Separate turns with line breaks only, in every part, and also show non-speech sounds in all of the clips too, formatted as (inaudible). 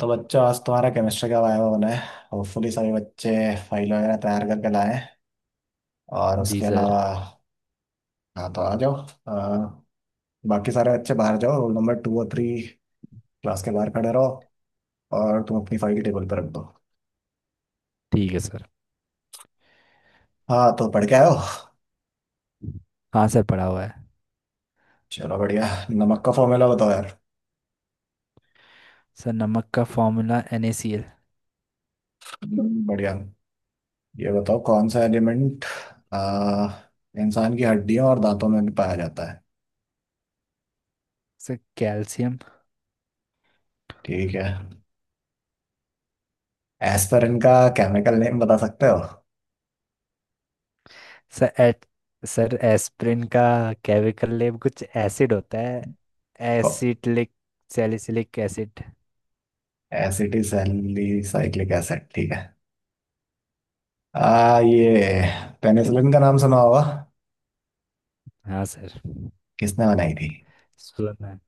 तो बच्चों आज तुम्हारा केमिस्ट्री का वायवा होना है। होपफुली सभी बच्चे फाइल वगैरह तैयार करके लाएं। और
जी
उसके
सर।
अलावा हाँ तो आ जाओ। अ, बाकी सारे बच्चे बाहर जाओ, रोल नंबर टू और थ्री क्लास के बाहर खड़े रहो। और तुम अपनी फाइल टेबल पर रख दो।
ठीक है सर।
हाँ तो पढ़ के आयो।
हाँ सर, पढ़ा हुआ है।
चलो बढ़िया, नमक का फॉर्मूला बताओ यार। (laughs)
सर, नमक का फॉर्मूला NaCl।
बढ़िया। ये बताओ कौन सा एलिमेंट इंसान की हड्डियों और दांतों में भी पाया जाता है।
Sir, calcium.
ठीक है। एस्पिरिन का केमिकल नेम बता सकते
सर, एट। सर, एस्पिरिन का केमिकल नेम कुछ एसिड होता है,
हो?
Acetylic salicylic acid.
Acetylsalicylic acid, ठीक है। ये पेनिसिलिन का नाम सुना होगा।
हाँ सर,
किसने बनाई थी?
सुना है।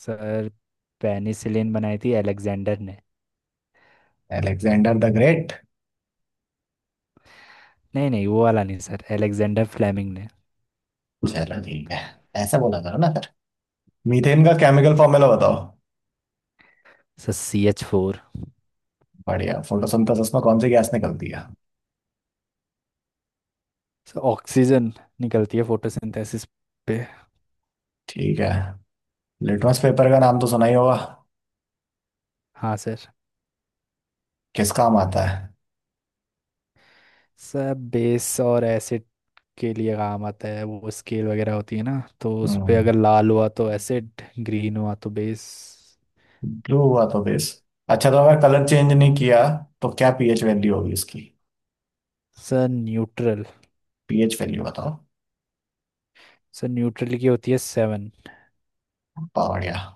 सर, पेनिसिलिन बनाई थी अलेक्जेंडर ने।
Alexander the great?
नहीं नहीं, वो वाला नहीं सर, अलेक्जेंडर फ्लेमिंग ने।
चलो ठीक है, ऐसा बोला करो ना फिर। मीथेन का केमिकल फॉर्मूला बताओ।
Sir, CH4।
बढ़िया। फोटोसिंथेसिस में कौन सी गैस निकलती है?
सर, ऑक्सीजन निकलती है फोटोसिंथेसिस पे।
ठीक है। लिटमस पेपर का नाम तो सुना ही होगा।
हाँ सर।
किस काम आता है?
सर, बेस और एसिड के लिए काम आता है, वो स्केल वगैरह होती है ना, तो उस पे
हम्म,
अगर लाल हुआ तो एसिड, ग्रीन हुआ तो बेस।
ब्लू हुआ तो बेस। अच्छा, तो अगर कलर चेंज नहीं किया तो क्या पीएच वैल्यू होगी इसकी?
Sir, neutral.
पीएच वैल्यू बताओ।
सर, न्यूट्रल की होती है 7।
बढ़िया।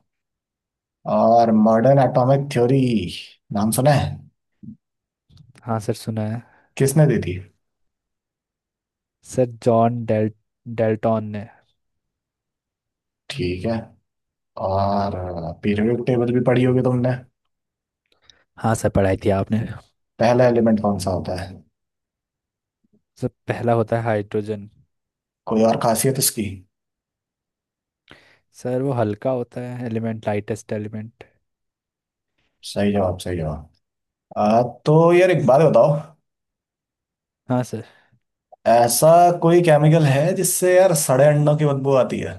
और मॉडर्न एटॉमिक थ्योरी नाम सुना है?
हाँ सर, सुना है।
किसने दी थी?
सर, जॉन डेल्टॉन ने।
ठीक है। और पीरियोडिक टेबल भी पढ़ी होगी तुमने।
हाँ सर, पढ़ाई थी आपने।
पहला एलिमेंट कौन सा होता है?
सर, पहला होता है हाइड्रोजन।
कोई और खासियत इसकी?
सर, वो हल्का होता है एलिमेंट, लाइटेस्ट एलिमेंट।
सही जवाब, सही जवाब। तो यार एक बात बताओ।
हाँ सर।
ऐसा कोई केमिकल है जिससे यार सड़े अंडों की बदबू आती है?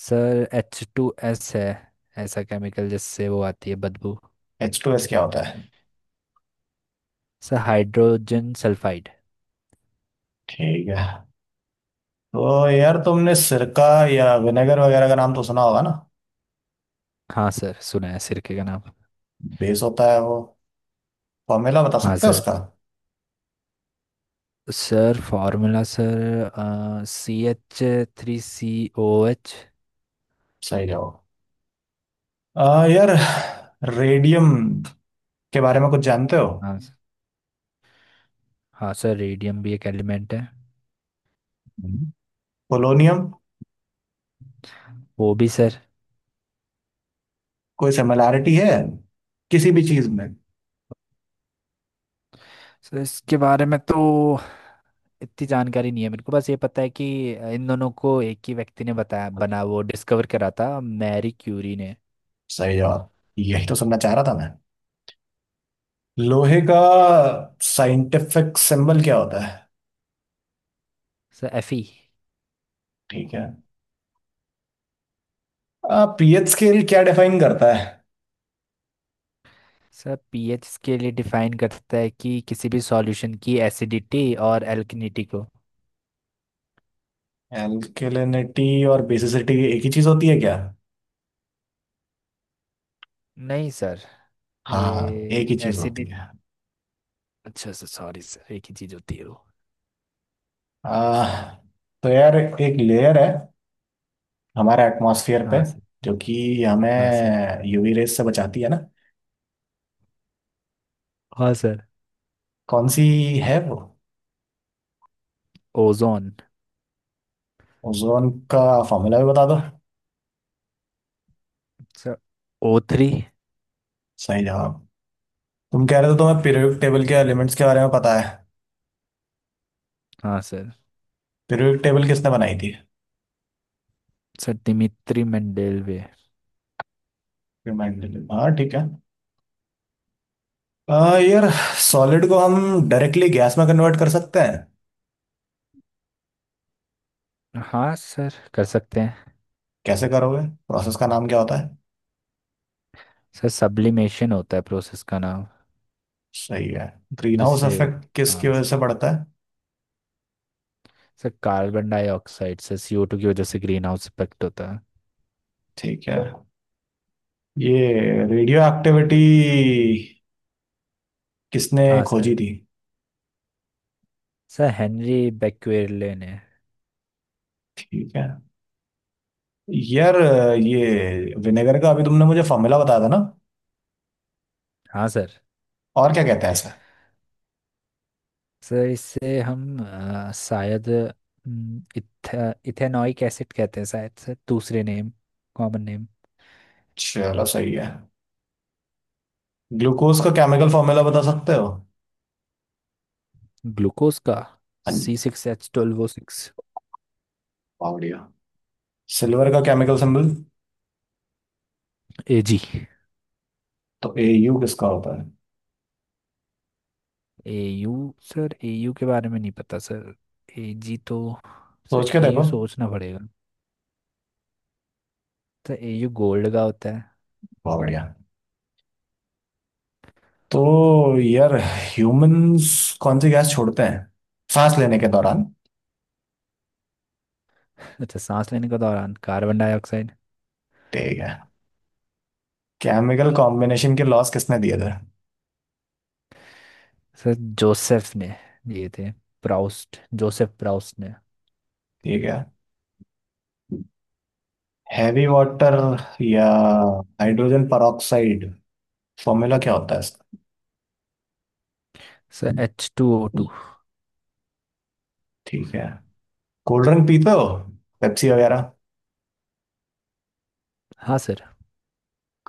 सर, H2S है, ऐसा केमिकल जिससे वो आती है बदबू।
एच टू एस क्या होता है?
Sir, hydrogen sulphide.
ठीक है। तो यार तुमने सिरका या विनेगर वगैरह का नाम तो सुना होगा ना।
हाँ सर, सुना है सिरके का नाम।
बेस होता है वो। फॉर्मूला बता
हाँ
सकते हो
सर।
उसका?
Sir, formula sir, CH3COOH।
सही जवाब। यार रेडियम के बारे में कुछ जानते हो?
हाँ सर। हाँ सर, रेडियम भी एक एलिमेंट है।
हम्म। पोलोनियम।
वो भी सर।
कोई सिमिलैरिटी है किसी भी चीज में?
सर, इसके बारे में तो इतनी जानकारी नहीं है मेरे को, बस ये पता है कि इन दोनों को एक ही व्यक्ति ने बताया बना, वो डिस्कवर करा था मैरी क्यूरी ने।
सही जवाब, यही तो सुनना चाह रहा था मैं। लोहे का साइंटिफिक सिंबल क्या होता है?
Sir, F E.
ठीक है। पीएच स्केल क्या डिफाइन करता है?
सर, पीएच के लिए डिफाइन करता है कि किसी भी सॉल्यूशन की एसिडिटी और एल्कनिटी को।
एल्केलिनिटी और बेसिसिटी एक ही चीज होती है क्या?
नहीं सर। ये
हाँ, एक ही चीज
एसिड,
होती है।
अच्छा सर सॉरी सर, एक ही चीज होती है वो।
आ, तो यार एक लेयर है हमारा एटमॉस्फेयर पे,
हाँ सर।
जो कि
हाँ सर।
हमें यूवी रेस से बचाती है ना।
हाँ सर,
कौन सी है वो?
ओजोन।
ओजोन का फॉर्मूला भी बता दो।
Sir, O3।
सही जवाब। तुम कह रहे थे तुम्हें पीरियोडिक टेबल के एलिमेंट्स के बारे में पता है।
हाँ सर।
पीरियोडिक टेबल किसने बनाई थी?
Sir, Dmitri Mendeleev.
Remind me. हाँ ठीक है। यार सॉलिड को हम डायरेक्टली गैस में कन्वर्ट कर सकते हैं।
हाँ सर, कर सकते हैं।
कैसे करोगे? प्रोसेस का नाम क्या होता है?
सर, सब्लिमेशन होता है प्रोसेस का नाम।
सही है। ग्रीन हाउस
जिससे,
इफेक्ट किसकी
हाँ
वजह
सर।
से बढ़ता है?
सर, कार्बन डाइऑक्साइड से, CO2 की वजह से ग्रीन हाउस इफेक्ट होता है।
ठीक है। ये रेडियो एक्टिविटी किसने
हाँ सर।
खोजी थी?
सर, हेनरी बेक्वेरले ने।
ठीक है। यार ये विनेगर का अभी तुमने मुझे फॉर्मूला बताया था ना।
हाँ सर।
और क्या कहते हैं इसे?
सर, इससे हम शायद, इथेनॉइक एसिड कहते हैं शायद सर, दूसरे नेम, कॉमन नेम।
चलो सही है। ग्लूकोज का केमिकल फॉर्मूला बता सकते हो?
ग्लूकोज का,
हाँ
C
G.
Six H twelve O six
वाह, बढ़िया। सिल्वर का केमिकल सिंबल।
A G.
तो ए यू किसका होता है?
A U? Sir, A U के बारे में नहीं पता सर, ए जी तो। सर,
सोच के
ए
देखो।
यू सोचना पड़ेगा। सर, ए यू गोल्ड का होता है।
वाह बढ़िया। तो यार ह्यूमंस कौन सी गैस छोड़ते हैं सांस लेने के दौरान?
अच्छा, सांस लेने के दौरान कार्बन डाइऑक्साइड।
ठीक है। केमिकल कॉम्बिनेशन के लॉस किसने दिए थे?
सर, जोसेफ ने दिए थे, प्राउस्ट, जोसेफ प्राउस्ट ने।
ठीक है। हैवी वाटर या हाइड्रोजन peroxide, फॉर्मूला क्या होता है इसका?
Sir, H2O2।
ठीक है। कोल्ड ड्रिंक पीते हो, पेप्सी वगैरह?
हाँ सर,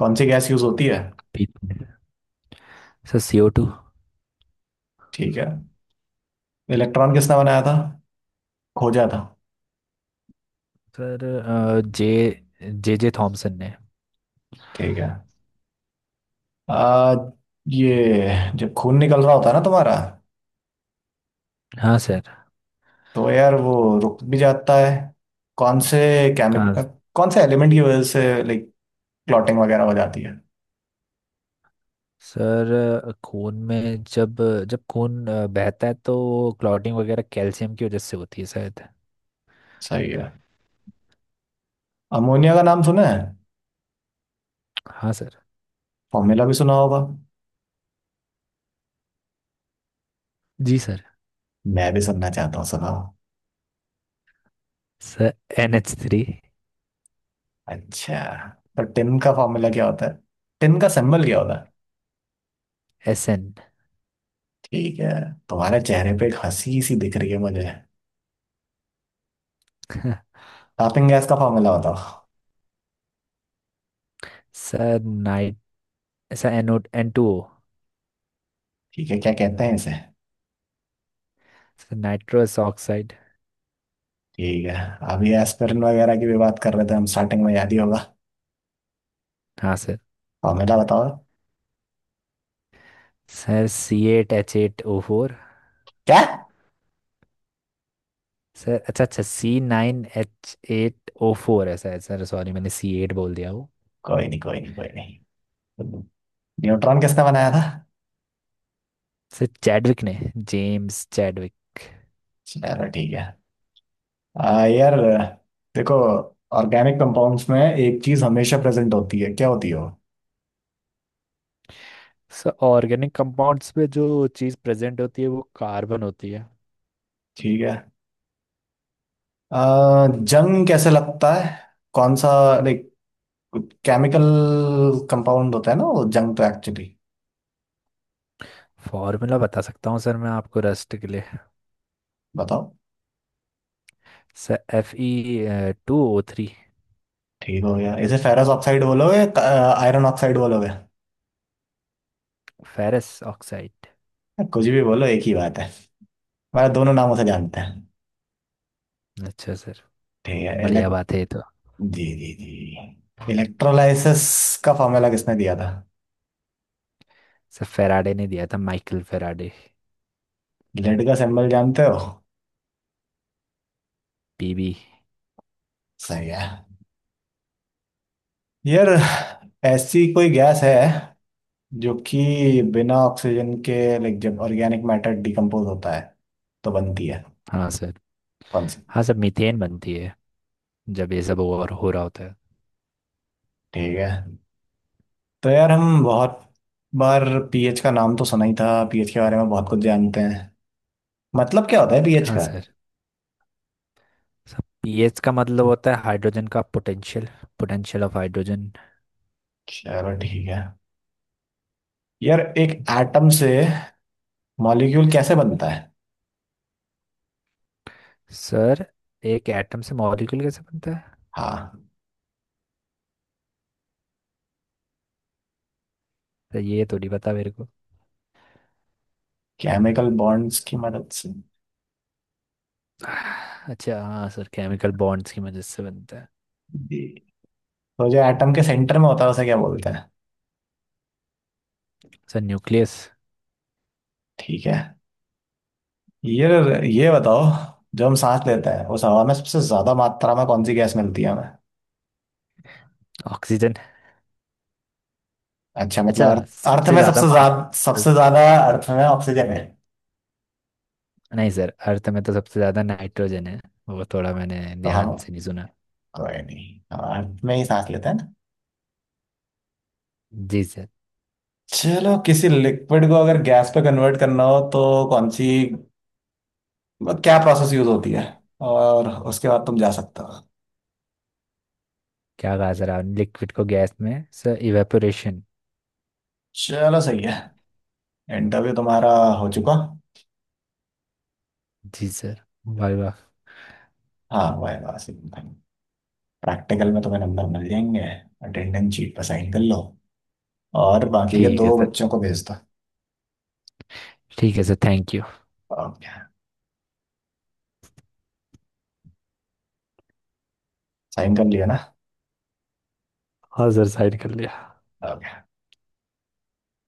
कौन सी गैस यूज होती है?
पीते हैं। Sir, CO2।
ठीक है। इलेक्ट्रॉन किसने बनाया था, खोजा था?
सर, जे जे जे थॉमसन ने।
ठीक है। आ, ये जब खून निकल रहा होता है ना तुम्हारा,
हाँ सर।
तो यार वो रुक भी जाता है। कौन से
हाँ
केमिकल, कौन से एलिमेंट की वजह से लाइक क्लॉटिंग वगैरह हो जाती है?
सर, खून में, जब जब खून बहता है तो क्लॉटिंग वगैरह कैल्शियम की वजह से होती है शायद।
सही है। अमोनिया का नाम सुना है?
हाँ सर।
फॉर्मूला भी सुना होगा।
जी सर।
मैं भी सुनना चाहता हूँ, सुनाओ।
Sir, NH3।
अच्छा। तो टिन का फॉर्मूला क्या होता है, टिन का सिंबल क्या होता है?
S N.
ठीक है। तुम्हारे चेहरे पे एक हंसी सी दिख रही है मुझे।
(laughs)
टॉपिंग गैस का फॉर्मूला बताओ।
Sir night sir N N two O.
ठीक है, क्या कहते हैं इसे?
Sir, nitrous oxide.
ठीक है। अभी एस्पिरिन वगैरह की भी बात कर रहे थे हम, स्टार्टिंग में याद ही होगा।
हाँ सर।
फॉर्मूला बताओ।
Sir, C8H8O4।
क्या?
सर, अच्छा अच्छा, C9H8O4 है शायद सर, सॉरी मैंने सी एट बोल दिया।
कोई नहीं, कोई नहीं, कोई नहीं। न्यूट्रॉन किसने बनाया था?
सर, चैडविक ने, जेम्स चैडविक।
चलो ठीक है। यार देखो, ऑर्गेनिक कंपाउंड्स में एक चीज हमेशा प्रेजेंट होती है, क्या होती है वो?
सर, ऑर्गेनिक कंपाउंड्स में जो चीज़ प्रेजेंट होती है वो कार्बन होती है।
ठीक है। जंग कैसे लगता है? कौन सा लाइक केमिकल कंपाउंड होता है ना वो जंग, तो एक्चुअली
फॉर्मूला बता सकता हूँ सर मैं आपको, रस्ट के लिए।
बताओ।
Sir, Fe2O3।
ठीक हो गया, इसे फेरस ऑक्साइड बोलोगे, आयरन ऑक्साइड बोलोगे,
फेरस ऑक्साइड।
कुछ भी बोलो, एक ही बात है। मैं दोनों नामों से जानते हैं।
अच्छा सर।
ठीक है।
बढ़िया
इलेक्ट,
बात है ये तो।
जी जी जी, इलेक्ट्रोलाइसिस का फॉर्मूला किसने दिया था?
सर, फेराडे ने दिया था, माइकल फेराडे।
लेड का सिंबल जानते हो?
पीबी।
सही है। यार ऐसी कोई गैस है जो कि बिना ऑक्सीजन के, लाइक जब ऑर्गेनिक मैटर डिकम्पोज होता है, तो बनती है?
हाँ सर।
कौन सी?
हाँ सर, मीथेन बनती है जब ये सब ओवर हो रहा होता है।
ठीक है। तो यार हम बहुत बार पीएच का नाम तो सुना ही था, पीएच के बारे में बहुत कुछ जानते हैं। मतलब क्या होता है पीएच
हाँ
का?
सर। सर, पीएच का मतलब होता है हाइड्रोजन का पोटेंशियल, पोटेंशियल ऑफ हाइड्रोजन।
चलो ठीक है। यार एक एटम से मॉलिक्यूल कैसे बनता है?
सर, एक एटम से मॉलिक्यूल कैसे बनता है,
हाँ,
तो ये तो नहीं पता मेरे को।
केमिकल बॉन्ड्स की मदद से।
अच्छा हाँ सर, केमिकल बॉन्ड्स की मदद से बनता है।
जी। तो जो एटम के सेंटर में होता है उसे क्या बोलते हैं?
Sir, nucleus.
ठीक है। यार ये बताओ, जो हम सांस लेते हैं उस हवा में सबसे ज्यादा मात्रा में कौन सी गैस मिलती है हमें?
ऑक्सीजन।
अच्छा मतलब
अच्छा,
अर्थ, अर्थ
सबसे
में
ज्यादा
सबसे
मान,
ज्यादा, सबसे ज्यादा अर्थ में ऑक्सीजन है?
नहीं सर, अर्थ में तो सबसे ज्यादा नाइट्रोजन है, वो थोड़ा मैंने
तो हम,
ध्यान से नहीं सुना।
कोई नहीं, अब में ही सांस लेते हैं ना।
जी सर।
चलो, किसी लिक्विड को अगर गैस पे कन्वर्ट करना हो तो कौन सी, क्या प्रोसेस यूज होती है? और उसके बाद तुम जा सकते हो।
क्या कहा सर आपने, लिक्विड को गैस में, सर, इवेपोरेशन।
चलो सही है, इंटरव्यू तुम्हारा हो चुका।
जी सर, वाह वाह।
हाँ, वाह वाह। प्रैक्टिकल में तुम्हें नंबर मिल जाएंगे। अटेंडेंस शीट पर साइन कर लो और बाकी के
ठीक
दो
है सर।
बच्चों को भेज दो।
ठीक है sir, thank you.
Okay. Sign कर लिया ना?
हाँ सर, साइन कर लिया।
ओके।